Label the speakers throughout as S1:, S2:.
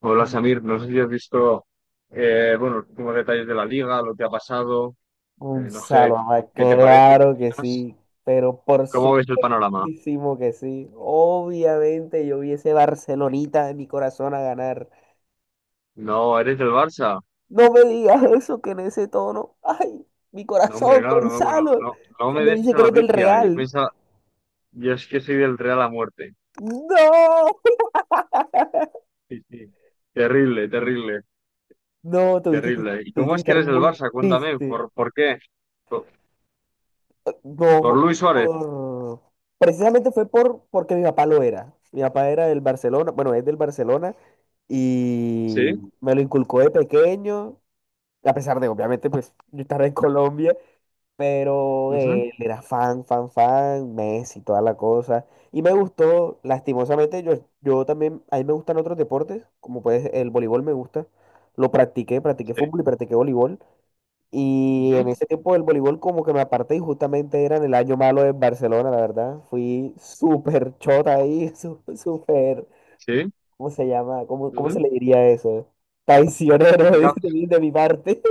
S1: Hola Samir, no sé si has visto bueno, los últimos detalles de la liga, lo que ha pasado, no sé
S2: Gonzalo, Abad,
S1: qué te parece, qué
S2: claro que
S1: opinas,
S2: sí, pero por
S1: cómo ves el panorama.
S2: supuestísimo que sí. Obviamente yo vi ese Barcelonita de mi corazón a ganar.
S1: No, eres del Barça.
S2: No me digas eso que en ese tono. Ay, mi
S1: No, hombre,
S2: corazón,
S1: no, no, no,
S2: Gonzalo.
S1: no, no
S2: Eso
S1: me
S2: me
S1: des
S2: dice
S1: esa
S2: que eres del
S1: noticia. Yo
S2: Real.
S1: pensaba, yo es que soy del Real a muerte.
S2: No.
S1: Sí, sí. Terrible, terrible,
S2: No,
S1: terrible. ¿Y
S2: tuviste
S1: cómo
S2: que
S1: es que
S2: estar
S1: eres del
S2: muy
S1: Barça? Cuéntame,
S2: triste.
S1: por qué? Por, por
S2: No,
S1: Luis Suárez,
S2: por... precisamente fue porque mi papá lo era. Mi papá era del Barcelona, bueno, es del Barcelona
S1: ¿sí?
S2: y me lo inculcó de pequeño, a pesar de, obviamente, pues yo estaba en Colombia, pero
S1: Ujú,
S2: él era fan, fan, fan, Messi, toda la cosa. Y me gustó, lastimosamente, yo también, a mí me gustan otros deportes, como puedes, el voleibol me gusta. Lo practiqué, practiqué
S1: sí,
S2: fútbol y practiqué voleibol. Y en
S1: ujú,
S2: ese tiempo del voleibol como que me aparté y justamente era en el año malo en Barcelona, la verdad. Fui súper chota ahí, súper,
S1: sí,
S2: ¿cómo se llama? Cómo se
S1: ujú,
S2: le diría eso? Traicionero
S1: ya,
S2: de mi parte.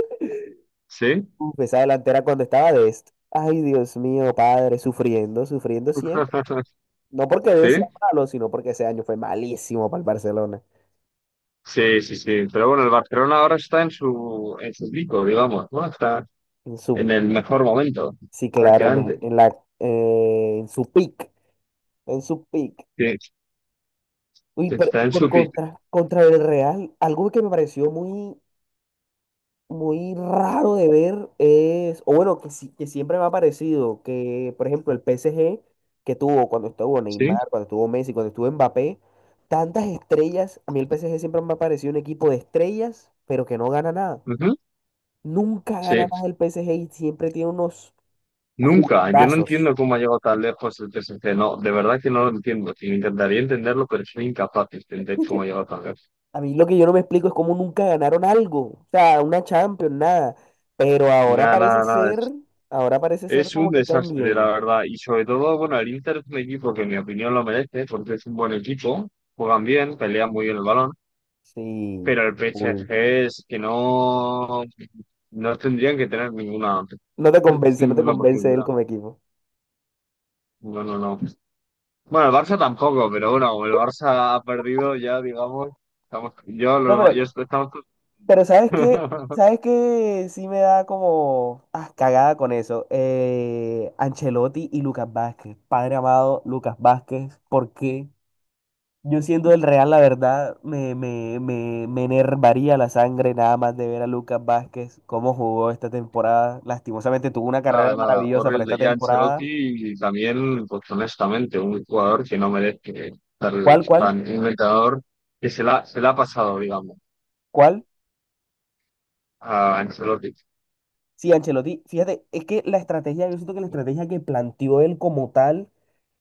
S1: sí,
S2: Uf, esa delantera cuando estaba de esto. Ay, Dios mío, padre, sufriendo, sufriendo siempre. No porque de sea
S1: sí.
S2: malo, sino porque ese año fue malísimo para el Barcelona.
S1: Sí, sí, sí. Pero bueno, el Barcelona ahora está en su pico, digamos, ¿no? Está
S2: En su,
S1: en el mejor momento,
S2: sí, claro,
S1: prácticamente.
S2: en su pick, en su pick.
S1: Sí,
S2: Uy, pero
S1: está en su pico.
S2: contra el Real, algo que me pareció muy, muy raro de ver es, o bueno, que, que siempre me ha parecido que, por ejemplo, el P S G que tuvo cuando estuvo
S1: Sí,
S2: Neymar, cuando estuvo Messi, cuando estuvo Mbappé, tantas estrellas, a mí el P S G siempre me ha parecido un equipo de estrellas, pero que no gana nada.
S1: ujú,
S2: Nunca gana
S1: sí.
S2: nada el P PSG y siempre tiene unos
S1: Nunca. Yo no
S2: jugadorazos.
S1: entiendo cómo ha llegado tan lejos el PSG. No, de verdad que no lo entiendo. Sí, intentaría entenderlo, pero soy incapaz de entender cómo ha llegado tan lejos.
S2: A mí lo que yo no me explico es cómo nunca ganaron algo, o sea, una Champions, nada. Pero
S1: Nada, nada, nada.
S2: ahora parece ser
S1: Es un
S2: como que están
S1: desastre, la
S2: bien.
S1: verdad. Y sobre todo, bueno, el Inter es un equipo que en mi opinión lo merece, porque es un buen equipo. Juegan bien, pelean muy bien el balón.
S2: Sí,
S1: Pero el
S2: full.
S1: PSG es que no, no tendrían que tener ninguna,
S2: No te convence, no te
S1: ninguna
S2: convence él
S1: posibilidad.
S2: como equipo.
S1: No, no, no. Bueno, el Barça tampoco, pero bueno, como el Barça ha perdido ya, digamos, estamos, yo,
S2: No,
S1: lo- yo est- estamos
S2: pero ¿sabes qué? ¿Sabes qué? Sí me da como cagada con eso. Ancelotti y Lucas Vázquez. Padre amado, Lucas Vázquez, ¿por qué? Yo siendo del Real, la verdad, me enervaría la sangre nada más de ver a Lucas Vázquez, cómo jugó esta temporada. Lastimosamente tuvo una
S1: nada,
S2: carrera
S1: nada,
S2: maravillosa para
S1: horrible.
S2: esta
S1: Ya
S2: temporada.
S1: Ancelotti también, pues honestamente, un jugador que no merece estar
S2: ¿Cuál, cuál,
S1: tan un entrenador que se la ha pasado, digamos,
S2: cuál?
S1: a Ancelotti.
S2: Sí, Ancelotti, fíjate, es que la estrategia, yo siento que la estrategia que planteó él como tal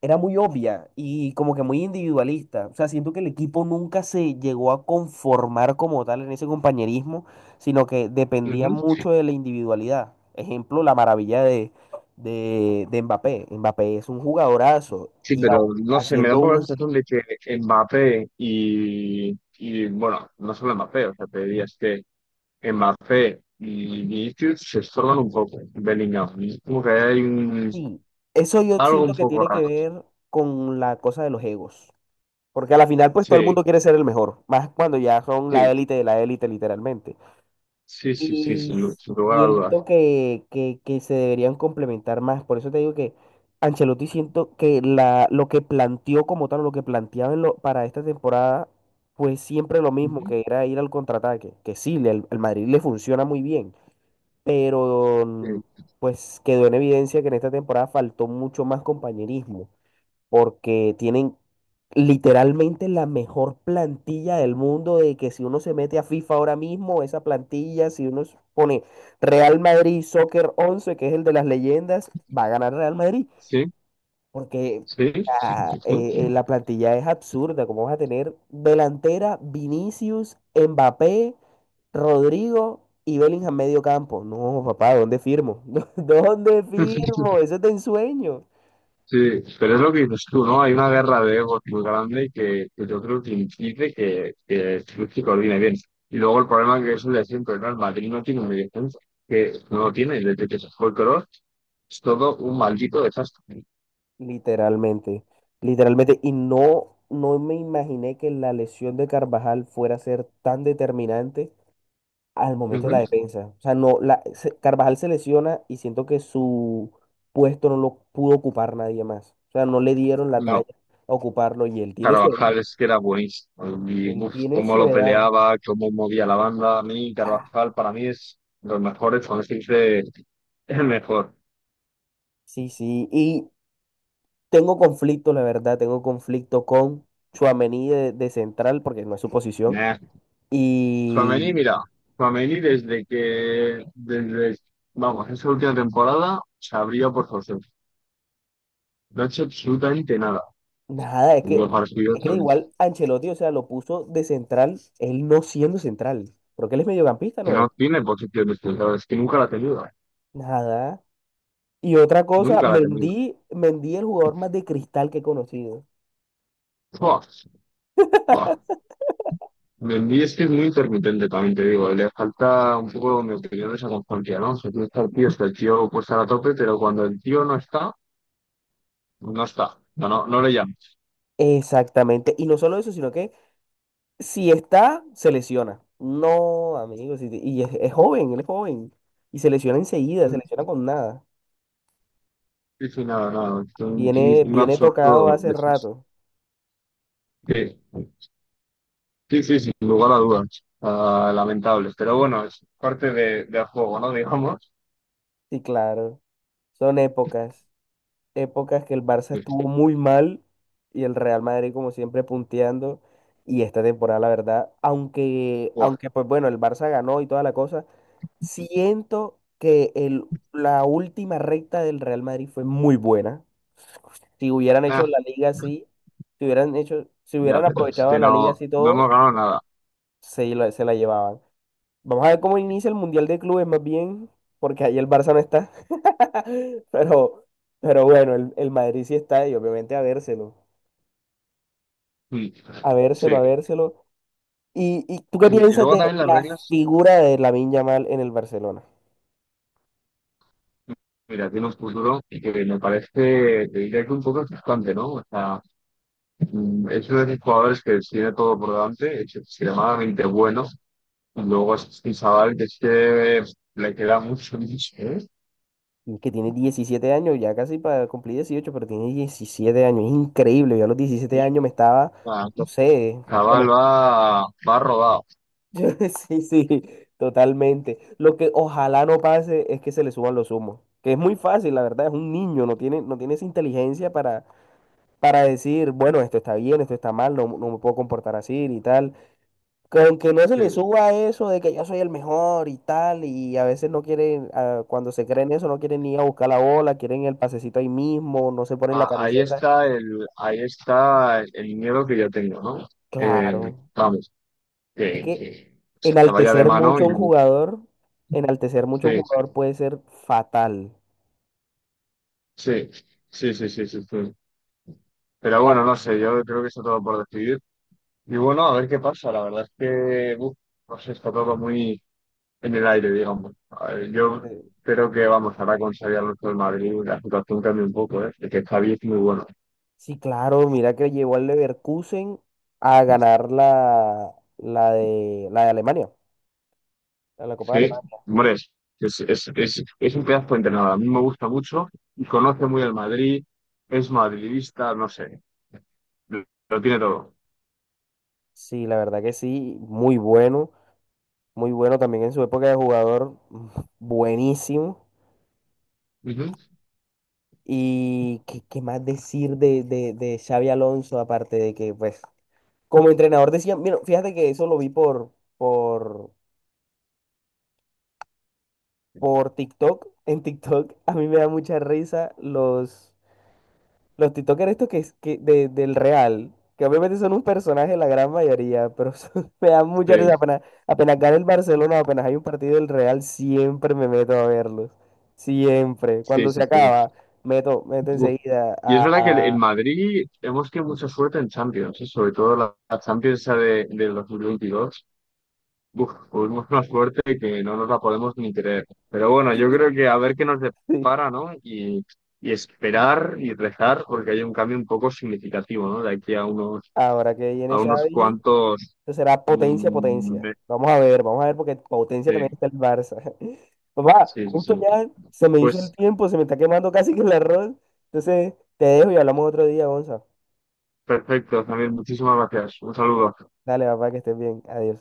S2: era muy obvia y como que muy individualista. O sea, siento que el equipo nunca se llegó a conformar como tal en ese compañerismo, sino que dependía mucho de la individualidad. Ejemplo, la maravilla de Mbappé. Mbappé es un jugadorazo
S1: Sí,
S2: y
S1: pero no sé, me da
S2: haciendo
S1: un poco la
S2: un...
S1: sensación de que Mbappé y bueno, no solo Mbappé, o sea, te diría es que Mbappé y Vinicius se estorban un poco, Bellingham. Es como que hay un,
S2: Sí, eso yo
S1: algo
S2: siento
S1: un
S2: que
S1: poco
S2: tiene que
S1: raro.
S2: ver con la cosa de los egos. Porque a la final, pues todo el
S1: Sí,
S2: mundo quiere ser el mejor, más cuando ya son la
S1: sí,
S2: élite de la élite, literalmente.
S1: sí, sí, sí,
S2: Y
S1: sin lugar a dudas.
S2: siento que se deberían complementar más. Por eso te digo que Ancelotti siento que lo que planteó como tal, lo que planteaba en para esta temporada, fue siempre lo mismo,
S1: Ujú.
S2: que era ir al contraataque. Que sí, el Madrid le funciona muy bien, pero pues quedó en evidencia que en esta temporada faltó mucho más compañerismo porque tienen literalmente la mejor plantilla del mundo de que si uno se mete a FIFA ahora mismo, esa plantilla, si uno pone Real Madrid Soccer 11, que es el de las leyendas, va a ganar Real Madrid,
S1: Sí,
S2: porque
S1: sí, sí.
S2: la plantilla es absurda, como vas a tener delantera, Vinicius, Mbappé, Rodrigo. Y Bellingham medio campo. No, papá, ¿dónde firmo? ¿Dónde
S1: Sí, sí.
S2: firmo? Eso es de ensueño.
S1: Sí, pero es lo que dices tú, ¿no? Hay una guerra de egos muy grande que yo creo que impide que el club se coordine bien. Y luego el problema que es el de siempre, ¿no? El Madrid no tiene un mediocentro, que no lo tiene desde que se fue el color, es todo un maldito desastre.
S2: Literalmente, literalmente, y no me imaginé que la lesión de Carvajal fuera a ser tan determinante al momento de la
S1: Ujú.
S2: defensa. O sea, no, Carvajal se lesiona y siento que su puesto no lo pudo ocupar nadie más. O sea, no le dieron la talla
S1: No,
S2: a ocuparlo y él tiene su edad.
S1: Carvajal es que era buenísimo. Y
S2: Él
S1: uf,
S2: tiene
S1: cómo
S2: su
S1: lo
S2: edad.
S1: peleaba, cómo movía la banda. A mí,
S2: Ah,
S1: Carvajal para mí es de los mejores, cuando se dice el mejor.
S2: sí, sí, y tengo conflicto, la verdad, tengo conflicto con Tchouaméni de central porque no es su posición
S1: Nah, Tchouaméni,
S2: y
S1: mira, Tchouaméni vamos, esa última temporada se abrió por José. No ha hecho absolutamente nada.
S2: nada,
S1: Hubo partido
S2: es que igual Ancelotti, o sea, lo puso de central, él no siendo central, porque él es mediocampista,
S1: que
S2: ¿no es?
S1: no tiene posición de central, es que nunca la ha tenido.
S2: Nada. Y otra cosa,
S1: Nunca la ha tenido.
S2: Mendy el jugador más de cristal que he conocido.
S1: Buah, buah. Mendy es que es muy intermitente, también te digo. Le falta un poco, en mi opinión, esa constancia, ¿no? O sea, tiene que estar el tío, está el tío puesto a la tope, pero cuando el tío no está, no está. No, no, no le llamas.
S2: Exactamente. Y no solo eso, sino que si está, se lesiona. No, amigos, y es joven, él es joven. Y se lesiona enseguida, se lesiona con nada.
S1: Sí, sí, nada, nada. Es
S2: Viene,
S1: un
S2: viene tocado
S1: absoluto
S2: hace
S1: desastre.
S2: rato.
S1: Sí, sí, sin lugar a dudas. Ah, lamentable. Pero bueno, es parte de, del juego, ¿no? Digamos.
S2: Sí, claro. Son épocas, épocas que el Barça
S1: Pues,
S2: estuvo muy mal y el Real Madrid como siempre punteando. Y esta temporada, la verdad,
S1: buah,
S2: aunque pues bueno, el Barça ganó y toda la cosa, siento que la última recta del Real Madrid fue muy buena. Si hubieran hecho
S1: nah,
S2: la liga así, si
S1: ya,
S2: hubieran
S1: pero es
S2: aprovechado
S1: que
S2: la liga
S1: no,
S2: así
S1: no hemos
S2: todo,
S1: ganado nada.
S2: se la llevaban. Vamos a ver cómo inicia el Mundial de Clubes, más bien, porque ahí el Barça no está. Pero, pero bueno, el Madrid sí está y obviamente a vérselo,
S1: Mm,
S2: a vérselo,
S1: sí.
S2: a vérselo. ¿Y tú qué
S1: Sí, y
S2: piensas
S1: luego
S2: de
S1: también las
S2: la
S1: reglas,
S2: figura de Lamine Yamal en el Barcelona?
S1: mira, tiene un futuro que me parece, te diría que un poco frustrante, ¿no? O sea, mm, es uno de esos jugadores que tiene todo por delante, es extremadamente bueno. Y luego es un chaval que es que le queda mucho, mucho, ¿eh?
S2: Que tiene 17 años, ya casi para cumplir 18, pero tiene 17 años, es increíble. Yo a los 17 años me estaba,
S1: Ah,
S2: no sé,
S1: chaval
S2: bueno,
S1: va, va rodado.
S2: Yo- sí, sí, totalmente. Lo que ojalá no pase es que se le suban los humos, que es muy fácil, la verdad, es un niño, no tiene esa inteligencia para decir, bueno, esto está bien, esto está mal, no, no me puedo comportar así y tal. Con que no se le
S1: Sí.
S2: suba eso de que yo soy el mejor y tal, y a veces no quieren, cuando se creen eso, no quieren ni ir a buscar la bola, quieren el pasecito ahí mismo, no se ponen la
S1: Ahí
S2: camiseta.
S1: está el, ahí está el miedo que yo tengo, ¿no?
S2: Claro,
S1: Vamos,
S2: es que
S1: que se vaya de
S2: enaltecer
S1: mano
S2: mucho
S1: y
S2: a un jugador, enaltecer mucho a un
S1: sí,
S2: jugador puede ser fatal.
S1: sí, sí, sí, sí, sí, sí. Pero bueno, no sé, yo creo que está todo por decidir. Y bueno, a ver qué pasa. La verdad es que, uf, no sé, está todo muy en el aire, digamos. A ver, yo
S2: Ante-
S1: creo que, vamos, ahora con salir al resto del Madrid, la situación cambia un poco, ¿eh? El que Javi es muy bueno.
S2: Sí, claro, mira que llevó al Leverkusen a ganar la de Alemania, a la Copa de
S1: Sí,
S2: Alemania.
S1: hombre, es un pedazo de entrenador. A mí me gusta mucho y conoce muy el Madrid, es madridista, no sé, lo tiene todo.
S2: Sí, la verdad que sí, muy bueno, muy bueno también en su época de jugador, buenísimo.
S1: Ujú.
S2: Y qué más decir de Xavi Alonso, aparte de que, pues, como entrenador decía, mira, fíjate que eso lo vi por, por TikTok, en TikTok, a mí me da mucha risa los... Los TikTokers estos que, del Real, que obviamente son un personaje la gran mayoría, pero me da mucha
S1: Sí,
S2: risa. Apenas gana el Barcelona, apenas hay un partido del Real, siempre me meto a verlos. Siempre.
S1: sí,
S2: Cuando se
S1: sí, sí.
S2: acaba, meto
S1: Uf.
S2: enseguida
S1: Y es verdad que en
S2: a...
S1: Madrid hemos tenido mucha suerte en Champions, ¿eh? Sobre todo la, la Champions esa de, del 2022. Uf, tuvimos una suerte que no nos la podemos ni creer. Pero bueno, yo creo que a ver qué nos
S2: sí.
S1: depara, ¿no? Y esperar y rezar porque hay un cambio un poco significativo, ¿no? De aquí
S2: Ahora que viene
S1: a unos
S2: Xavi,
S1: cuantos.
S2: esto será potencia,
S1: mm,
S2: potencia.
S1: me-
S2: Vamos a ver porque potencia también
S1: sí,
S2: está el Barça. Papá,
S1: sí, sí,
S2: justo
S1: sí.
S2: ya se me hizo el
S1: Pues
S2: tiempo, se me está quemando casi que el arroz. Entonces, te dejo y hablamos otro día, Gonza.
S1: perfecto, también muchísimas gracias. Un saludo.
S2: Dale, papá, que estés bien. Adiós.